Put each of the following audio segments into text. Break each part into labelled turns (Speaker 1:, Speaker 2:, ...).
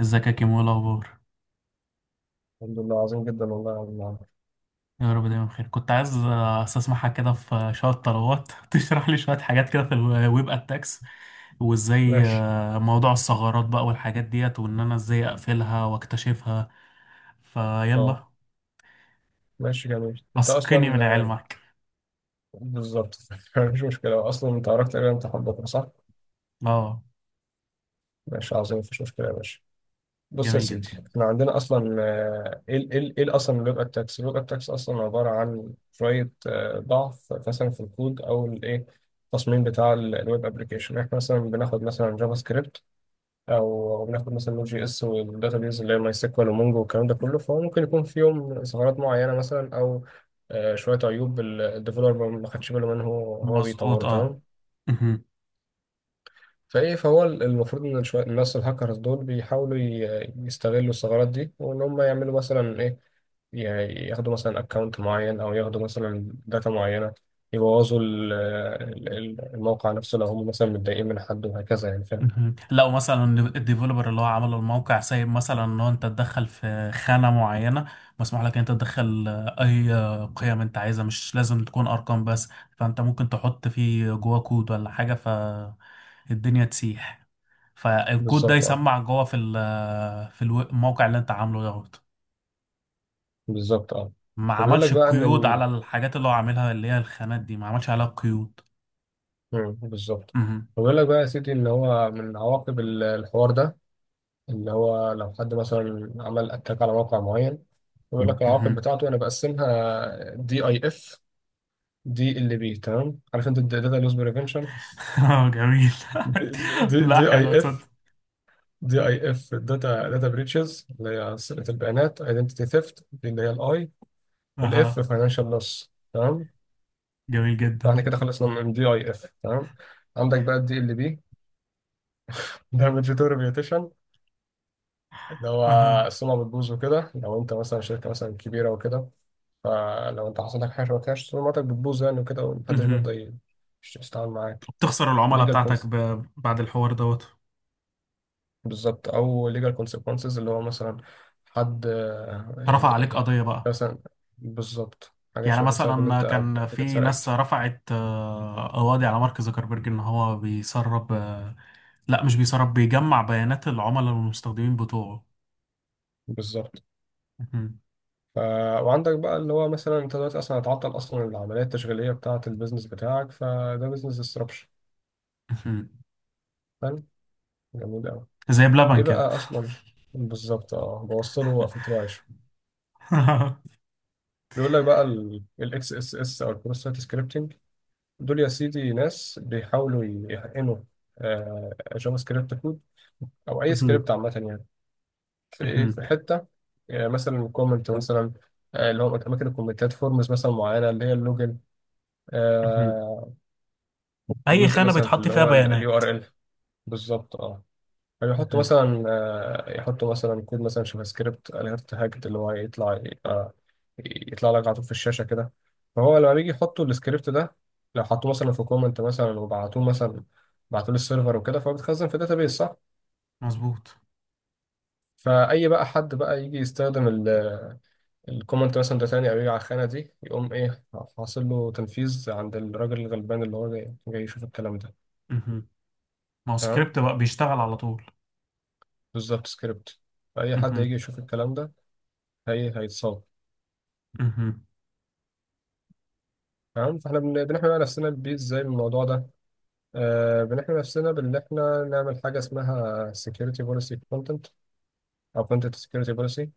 Speaker 1: ازيك يا كيمو، ايه الاخبار؟
Speaker 2: الحمد لله، عظيم جدا والله يا عم عمرو.
Speaker 1: يا رب دايما بخير. كنت عايز استسمحك كده في شويه طلبات تشرح لي شويه حاجات كده في الويب اتاكس، وازاي
Speaker 2: ماشي.
Speaker 1: موضوع الثغرات بقى والحاجات ديت، وان انا ازاي اقفلها واكتشفها.
Speaker 2: اه.
Speaker 1: فيلا،
Speaker 2: ماشي، جميل. انت
Speaker 1: اسقني من
Speaker 2: اصلا
Speaker 1: علمك.
Speaker 2: بالظبط. مفيش مشكله اصلا. انت عرفت تقريبا، امتحان بكره صح؟
Speaker 1: اه.
Speaker 2: ماشي، عظيم، مفيش مشكله يا باشا. بص يا
Speaker 1: جميل
Speaker 2: سيدي،
Speaker 1: جدا.
Speaker 2: احنا عندنا اصلا ايه اصلا اللوج اتاكس؟ اللوج اتاكس اصلا عباره عن شويه ضعف مثلا في الكود او الايه، التصميم بتاع الويب ابلكيشن. احنا مثلا بناخد مثلا جافا سكريبت او بناخد مثلا نوت جي اس، والداتابيز اللي هي ماي سيكوال ومونجو والكلام ده كله. فهو ممكن يكون فيهم ثغرات معينه مثلا، او شويه عيوب الديفلوبر ما خدش باله منه وهو
Speaker 1: مظبوط
Speaker 2: بيطوره.
Speaker 1: اه.
Speaker 2: تمام. فايه، فهو المفروض ان شويه الناس الهاكرز دول بيحاولوا يستغلوا الثغرات دي، وان هم يعملوا مثلا ايه، ي- ياخدوا مثلا اكونت معين، او ياخدوا مثلا داتا معينه، يبوظوا الموقع نفسه لو هم مثلا متضايقين من حد، وهكذا يعني. فاهم؟
Speaker 1: مهم. لو مثلا الديفلوبر اللي هو عمل الموقع سايب مثلا ان هو انت تدخل في خانة معينة، مسموح لك ان انت تدخل اي قيم انت عايزها، مش لازم تكون ارقام بس. فانت ممكن تحط فيه جوا كود ولا حاجة فالدنيا تسيح. فالكود ده
Speaker 2: بالظبط. اه
Speaker 1: يسمع جوا في ال- في الو- الموقع اللي انت عامله دوت.
Speaker 2: بالظبط اه.
Speaker 1: ما
Speaker 2: فبيقول لك
Speaker 1: عملش
Speaker 2: بقى ان
Speaker 1: قيود على الحاجات اللي هو عاملها، اللي هي الخانات دي ما عملش عليها قيود.
Speaker 2: بالظبط،
Speaker 1: مهم.
Speaker 2: ويقول لك بقى يا سيدي ان هو من عواقب الحوار ده، اللي هو لو حد مثلا عمل اتاك على موقع معين، يقول لك العواقب
Speaker 1: مهم.
Speaker 2: بتاعته. انا بقسمها: دي اي اف، دي ال بي. تمام؟ عارف انت الداتا لوس بريفنشن.
Speaker 1: جميل.
Speaker 2: دي
Speaker 1: لا،
Speaker 2: دي اي
Speaker 1: حلو
Speaker 2: اف
Speaker 1: تصدق.
Speaker 2: دي اي اف داتا، بريتشز اللي هي سرقة البيانات، ايدنتيتي ثيفت دي اللي هي الاي، والاف
Speaker 1: اها.
Speaker 2: فاينانشال لوس. تمام.
Speaker 1: جميل جدا.
Speaker 2: فاحنا كده خلصنا من دي اي اف. تمام. عندك بقى الدي ال بي، دامج تو، اللي هو
Speaker 1: اها.
Speaker 2: السمعة بتبوظ وكده. لو انت مثلا شركة مثلا كبيرة وكده، فلو انت حصل لك حاجة شبه كده سمعتك بتبوظ يعني وكده، ومحدش
Speaker 1: مهم.
Speaker 2: بيرضى يتعامل معاك.
Speaker 1: بتخسر العملاء
Speaker 2: ليجال
Speaker 1: بتاعتك
Speaker 2: كونس،
Speaker 1: بعد الحوار دوت.
Speaker 2: بالظبط، او ليجال كونسيكونسز، اللي هو مثلا حد
Speaker 1: رفع
Speaker 2: يعني
Speaker 1: عليك
Speaker 2: ايه،
Speaker 1: قضية بقى.
Speaker 2: مثلا بالظبط، حاجات
Speaker 1: يعني
Speaker 2: شبه كده بسبب ان
Speaker 1: مثلا
Speaker 2: انت
Speaker 1: كان
Speaker 2: بتاعتك
Speaker 1: في ناس
Speaker 2: اتسرقت.
Speaker 1: رفعت قواضي على مارك زوكربيرج ان هو بيسرب، لا، مش بيسرب، بيجمع بيانات العملاء والمستخدمين بتوعه.
Speaker 2: بالظبط.
Speaker 1: مهم.
Speaker 2: ف... وعندك بقى اللي هو مثلا انت دلوقتي اصلا هتعطل اصلا العملية التشغيلية بتاعة البيزنس بتاعك، فده بيزنس ديسربشن.
Speaker 1: مهم.
Speaker 2: فاهم؟ جميل أوي.
Speaker 1: زي
Speaker 2: ايه
Speaker 1: بلبن كده.
Speaker 2: بقى اصلا، بالظبط اه، بوصله وقفلت له عايشه. بيقول لك بقى الاكس اس اس، او البروسيس سكريبتنج. دول يا سيدي ناس بيحاولوا يحقنوا جافا سكريبت كود، او اي
Speaker 1: مهم.
Speaker 2: سكريبت عامه يعني، في ايه،
Speaker 1: مهم.
Speaker 2: في حته مثلا كومنت مثلا، اللي هو اماكن الكومنتات، فورمز مثلا معينه اللي هي اللوجن،
Speaker 1: مهم.
Speaker 2: آه،
Speaker 1: اي
Speaker 2: جزء
Speaker 1: خانة
Speaker 2: مثلا في
Speaker 1: بيتحط
Speaker 2: اللي
Speaker 1: فيها
Speaker 2: هو اليو
Speaker 1: بيانات.
Speaker 2: ار ال. بالظبط اه. فيحطوا
Speaker 1: مهم.
Speaker 2: مثلا يحطوا مثلا كود مثلا جافا سكريبت اليرت هاجت، اللي هو يطلع يطلع لك على طول في الشاشة كده. فهو لما بيجي يحطوا السكريبت ده، لو حطوه مثلا في كومنت مثلا وبعتوه مثلا، بعتوه للسيرفر وكده، فهو بيتخزن في داتابيس صح.
Speaker 1: مظبوط.
Speaker 2: فأي بقى حد بقى يجي يستخدم الكومنت مثلا ده تاني، أو يجي على الخانة دي، يقوم إيه، حاصل له تنفيذ عند الراجل الغلبان اللي هو جاي, يشوف الكلام ده.
Speaker 1: مهم. ما هو
Speaker 2: تمام،
Speaker 1: سكريبت بقى بيشتغل على طول.
Speaker 2: بالظبط، سكريبت. فأي حد
Speaker 1: مهم.
Speaker 2: يجي يشوف الكلام ده هي هيتصاب.
Speaker 1: مهم.
Speaker 2: تمام. فاحنا بنحمي بقى نفسنا بيه ازاي من الموضوع ده؟ بنحمي نفسنا بان احنا نعمل حاجه اسمها security policy content، او content security policy. دي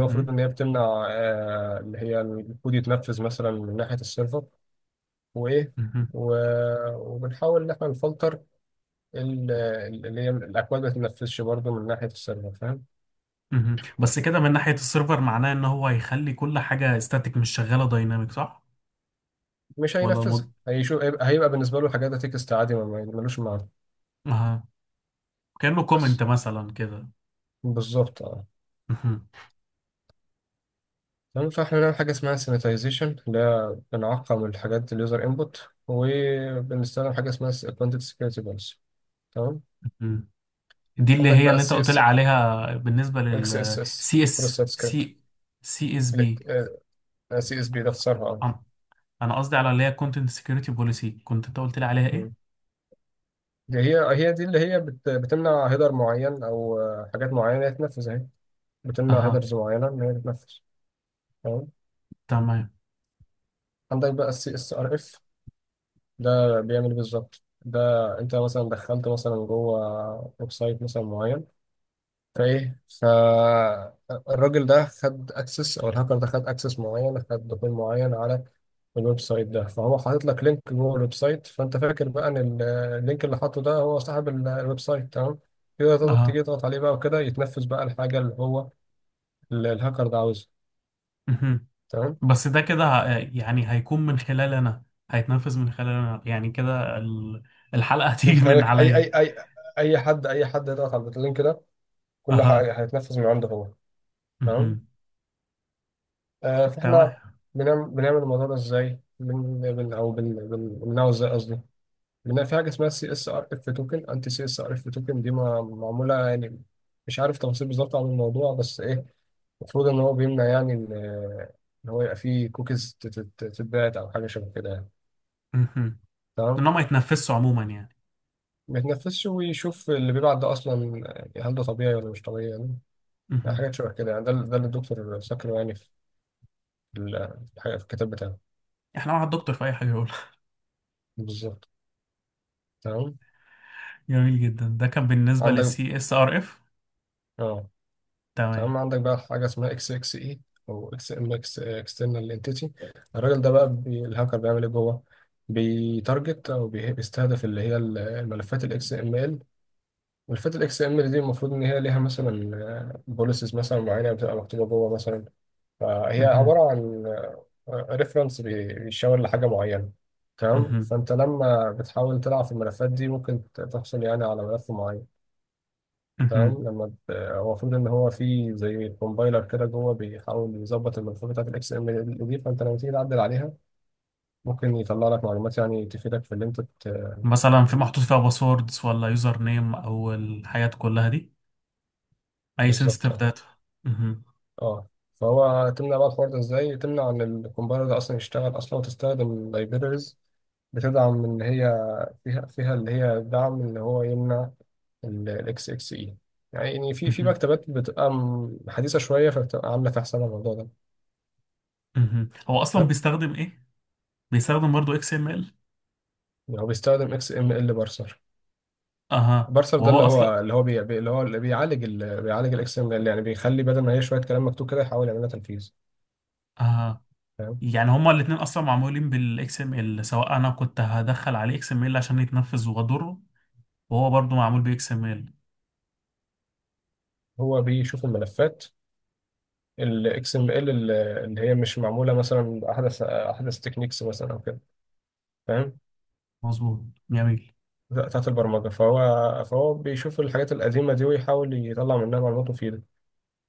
Speaker 2: المفروض ان هي بتمنع اللي هي الكود يتنفذ مثلا من ناحيه السيرفر، وايه،
Speaker 1: مهم.
Speaker 2: وبنحاول ان احنا نفلتر ال- اللي هي الاكواد ما تتنفذش برضه من ناحيه السيرفر. فاهم؟
Speaker 1: مهم. بس كده من ناحية السيرفر معناه ان هو هيخلي كل حاجة استاتيك مش شغالة دايناميك، صح؟
Speaker 2: مش
Speaker 1: ولا
Speaker 2: هينفذها،
Speaker 1: مض...
Speaker 2: هيشوف، هيبقى بالنسبه له الحاجات ده تكست عادي، ملوش معنى
Speaker 1: آه. كأنه
Speaker 2: بس.
Speaker 1: كومنت مثلا كده.
Speaker 2: بالظبط اه.
Speaker 1: مهم.
Speaker 2: تمام. فاحنا بنعمل حاجة اسمها سيناتيزيشن، ده بنعقم الحاجات، اليوزر انبوت، وبنستخدم حاجة اسمها كونتنت سكيورتي بوليسي. تمام.
Speaker 1: مهم. دي اللي
Speaker 2: عندك
Speaker 1: هي
Speaker 2: بقى
Speaker 1: اللي انت
Speaker 2: السي
Speaker 1: قلت لي
Speaker 2: اس،
Speaker 1: عليها بالنسبة
Speaker 2: اكس اس
Speaker 1: لل
Speaker 2: اس،
Speaker 1: سي
Speaker 2: كروس
Speaker 1: اس
Speaker 2: سايت سكريبت.
Speaker 1: سي. سي اس بي،
Speaker 2: سي اس بي ده اختصارها اه.
Speaker 1: انا قصدي على اللي هي كونتنت سكيورتي بوليسي، كنت انت قلت لي عليها
Speaker 2: مم.
Speaker 1: ايه؟
Speaker 2: دي هي، هي دي اللي هي بتمنع هيدر معين، او حاجات معينة تتنفذ اهي، بتمنع
Speaker 1: اها.
Speaker 2: هيدرز معينة ان هي تتنفذ. تمام.
Speaker 1: تمام.
Speaker 2: عندك بقى السي اس ار اف. ده بيعمل إيه بالظبط ده؟ انت مثلا دخلت مثلا جوه ويب سايت مثلا معين، ايه، فالراجل ده خد اكسس، او الهاكر ده خد اكسس معين، خد دخول معين على الويب سايت ده، فهو حاطط لك لينك جوه الويب سايت. فانت فاكر بقى ان اللينك اللي حاطه ده هو صاحب الويب سايت. تمام كده،
Speaker 1: اها.
Speaker 2: تيجي تضغط عليه بقى وكده، يتنفذ بقى الحاجه اللي هو الهاكر ده عاوزها.
Speaker 1: مهم.
Speaker 2: تمام.
Speaker 1: بس ده كده يعني هيكون من خلال انا، هيتنفذ من خلال انا، يعني كده الحلقة
Speaker 2: من
Speaker 1: هتيجي من
Speaker 2: خلالك،
Speaker 1: عليا.
Speaker 2: اي، اي حد، اي حد يضغط على اللينك ده كل
Speaker 1: اها.
Speaker 2: حاجه هيتنفذ من عنده هو. تمام.
Speaker 1: مهم.
Speaker 2: آه فاحنا
Speaker 1: تمام.
Speaker 2: بنعمل الموضوع ده ازاي، بن بن او بن بن- بنمنعه ازاي قصدي. لان في حاجه اسمها سي اس ار اف توكن، انتي سي اس ار اف توكن، دي معموله يعني، مش عارف تفاصيل بالظبط عن الموضوع، بس ايه، المفروض ان هو بيمنع يعني ان، إن هو يبقى فيه كوكيز تتباعت او حاجه شبه كده يعني.
Speaker 1: مهم. ان
Speaker 2: تمام.
Speaker 1: هم يتنفسوا عموما يعني.
Speaker 2: ما يتنفذش ويشوف اللي بيبعت ده اصلا، يعني هل ده طبيعي ولا مش طبيعي يعني. يعني
Speaker 1: مهم.
Speaker 2: حاجات شبه كده يعني. ده ده اللي الدكتور ذكره يعني في في الحاجه، في الكتاب بتاعه.
Speaker 1: احنا مع الدكتور في اي حاجه يقول.
Speaker 2: بالظبط. تمام.
Speaker 1: جميل جدا. ده كان بالنسبه
Speaker 2: عندك
Speaker 1: للسي اس ار اف.
Speaker 2: اه.
Speaker 1: تمام.
Speaker 2: تمام. عندك بقى حاجة اسمها اكس اكس اي، او اكس ام اكس اكسترنال انتيتي. الراجل ده بقى بي الهاكر بيعمل ايه جوه، بيتارجت او بيستهدف اللي هي الملفات الاكس ام ال. ملفات الاكس ام ال دي المفروض ان هي ليها مثلا بوليسز مثلا معينة بتبقى مكتوبة جوه مثلا، فهي
Speaker 1: مهم.
Speaker 2: عبارة عن ريفرنس بيشاور لحاجة معينة. تمام.
Speaker 1: مهم.
Speaker 2: فانت لما بتحاول تلعب في الملفات دي ممكن تحصل يعني على ملف معين.
Speaker 1: مهم.
Speaker 2: تمام. هو المفروض ان هو في زي كومبايلر كده جوه بيحاول يظبط الملفات بتاعت الاكس ام دي، فانت لما تيجي تعدل عليها ممكن يطلع لك معلومات يعني تفيدك في اللي انت
Speaker 1: مثلا في محطوط فيها باسوردز ولا يوزر نيم او الحاجات كلها دي، اي
Speaker 2: بالظبط
Speaker 1: سنسيتيف
Speaker 2: اه.
Speaker 1: داتا. مهم.
Speaker 2: اه. فهو تمنع بقى الحوار ده ازاي؟ تمنع ان الكومبايلر ده اصلا يشتغل اصلا، وتستخدم لايبريز بتدعم ان هي فيها اللي هي دعم ان هو يمنع الاكس اكس اي. يعني في، في
Speaker 1: مهم.
Speaker 2: مكتبات بتبقى حديثه شويه، فبتبقى عامله في حساب الموضوع ده.
Speaker 1: مهم. هو اصلا
Speaker 2: حلو.
Speaker 1: بيستخدم ايه؟ بيستخدم برضه اكس ام ال؟
Speaker 2: يعني هو بيستخدم اكس ام ال بارسر.
Speaker 1: اها.
Speaker 2: بارسر ده
Speaker 1: وهو
Speaker 2: اللي هو
Speaker 1: اصلا.
Speaker 2: اللي هو اللي بيعالج بيعالج الاكسل اللي يعني بيخلي، بدل ما هي شويه كلام مكتوب كده، يحاول يعملها تنفيذ.
Speaker 1: اها.
Speaker 2: فاهم؟
Speaker 1: يعني هما الاثنين اصلا معمولين بالاكس ام ال، سواء انا كنت هدخل عليه اكس ام ال عشان يتنفذ واضره، وهو برضو معمول بي اكس ام ال.
Speaker 2: هو بيشوف الملفات الاكس ام ال اللي هي مش معموله مثلا احدث تكنيكس مثلا او كده، فاهم،
Speaker 1: مظبوط. جميل.
Speaker 2: بتاعت البرمجه. فهو، فهو بيشوف الحاجات القديمه دي ويحاول يطلع منها معلومات مفيده.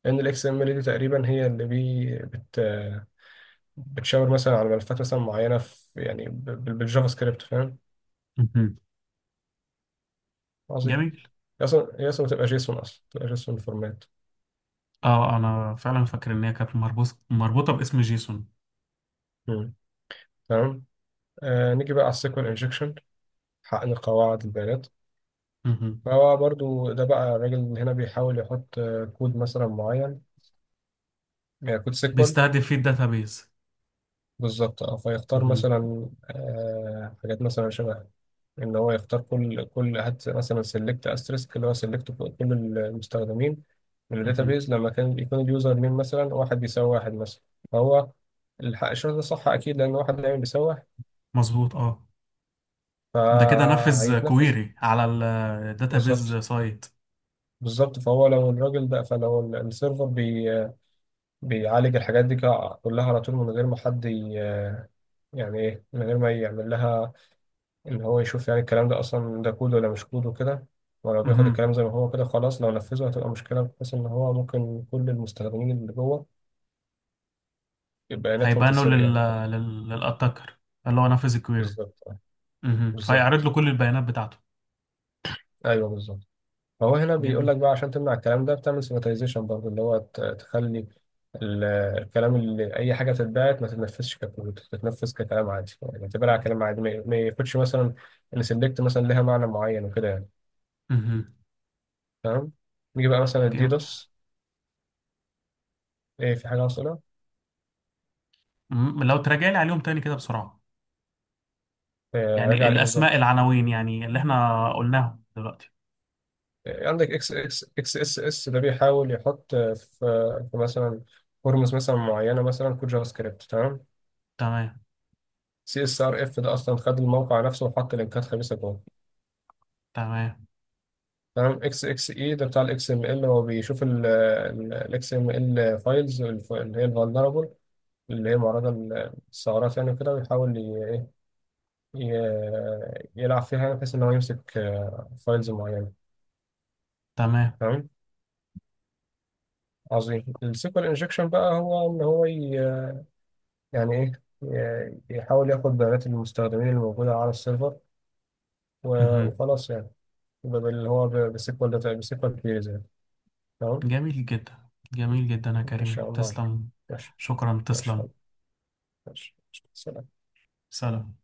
Speaker 2: لان الاكس ام ال دي تقريبا هي اللي بتشاور مثلا على ملفات مثلا معينه في يعني بالجافا سكريبت. فاهم؟
Speaker 1: مهم.
Speaker 2: عظيم.
Speaker 1: جميل.
Speaker 2: هي اصلا، هي اصلا بتبقى جيسون فورمات.
Speaker 1: اه، انا فعلا فاكر ان هي كانت مربوطه باسم جيسون.
Speaker 2: مم. تمام. آه، نيجي بقى على السيكوال انجكشن، حقن قواعد البيانات.
Speaker 1: مهم.
Speaker 2: فهو برضو ده بقى، الراجل هنا بيحاول يحط كود مثلا معين، كود سيكوال.
Speaker 1: بيستهدف فيه الداتابيز.
Speaker 2: بالظبط اه. فيختار
Speaker 1: مهم.
Speaker 2: مثلا آه حاجات مثلا شبه ان هو يختار كل، هات مثلا سيلكت استريسك اللي هو سيلكت كل المستخدمين من
Speaker 1: مهم.
Speaker 2: الداتابيز، لما كان يكون اليوزر نيم مثلا واحد بيساوي واحد مثلا. فهو الشرط ده صح اكيد، لان واحد دايما بيساوي واحد،
Speaker 1: مظبوط اه. ده كده نفذ
Speaker 2: فهيتنفذ.
Speaker 1: كويري على الداتابيز
Speaker 2: بالظبط.
Speaker 1: سايت.
Speaker 2: بالظبط. فهو لو الراجل ده، فلو السيرفر بيعالج الحاجات دي كلها على طول من غير ما حد يعني ايه، من غير ما يعمل لها ان هو يشوف يعني الكلام ده اصلا ده كود ولا مش كود وكده، ولو بياخد
Speaker 1: مهم.
Speaker 2: الكلام زي ما هو كده خلاص، لو نفذه هتبقى مشكلة، بحيث ان هو ممكن كل المستخدمين اللي جوه بياناتهم
Speaker 1: هيبانه
Speaker 2: تتسرق يعني.
Speaker 1: للاتاكر اللي هو نفذ الكويري.
Speaker 2: بالظبط
Speaker 1: مهم. فيعرض
Speaker 2: بالظبط.
Speaker 1: له كل البيانات بتاعته.
Speaker 2: ايوه بالظبط. فهو هنا بيقول
Speaker 1: جميل.
Speaker 2: لك بقى، عشان تمنع الكلام ده بتعمل سيماتيزيشن برضه، اللي هو تخلي ال- الكلام، اللي اي حاجه بتتبعت ما تتنفذش ككود، تتنفذ ككلام عادي، يعني اعتبرها كلام عادي، ما ياخدش مثلا ان سيلكت مثلا لها معنى معين وكده يعني.
Speaker 1: مهم.
Speaker 2: تمام. نيجي بقى مثلا
Speaker 1: جميل.
Speaker 2: الديدوس. ايه، في حاجه حاصله؟
Speaker 1: مم. لو تراجع لي عليهم تاني كده بسرعه،
Speaker 2: راجع
Speaker 1: يعني
Speaker 2: على ايه
Speaker 1: الأسماء،
Speaker 2: بالظبط؟
Speaker 1: العناوين، يعني اللي احنا قلناهم دلوقتي.
Speaker 2: إيه، عندك اكس اكس، اكس اس اس ده بيحاول يحط في مثلا فورمز مثلا معينه مثلا كود جافا سكريبت. تمام.
Speaker 1: تمام.
Speaker 2: سي اس ار اف ده اصلا خد الموقع نفسه وحط لينكات خبيثه جوه.
Speaker 1: تمام.
Speaker 2: تمام. اكس اكس اي ده بتاع الاكس ام ال، هو بيشوف الاكس ام ال فايلز اللي هي الفولنربل، اللي هي معرضة للثغرات يعني كده، ويحاول إيه، يلعب فيها يعني، بحيث ان هو يمسك فايلز معينة.
Speaker 1: تمام.
Speaker 2: تمام. عظيم. السيكوال انجكشن بقى، هو ان هو يعني ايه، يحاول ياخد بيانات المستخدمين الموجودة على السيرفر و-
Speaker 1: مهم.
Speaker 2: وخلاص يعني، بسيكوال داتا، بسيكوال كيريز يعني. تمام.
Speaker 1: جميل جدا جميل جدا يا
Speaker 2: ان
Speaker 1: كريم،
Speaker 2: شاء الله.
Speaker 1: تسلم.
Speaker 2: ماشي.
Speaker 1: شكرا،
Speaker 2: ماشي.
Speaker 1: تسلم.
Speaker 2: ماشي. سلام.
Speaker 1: سلام.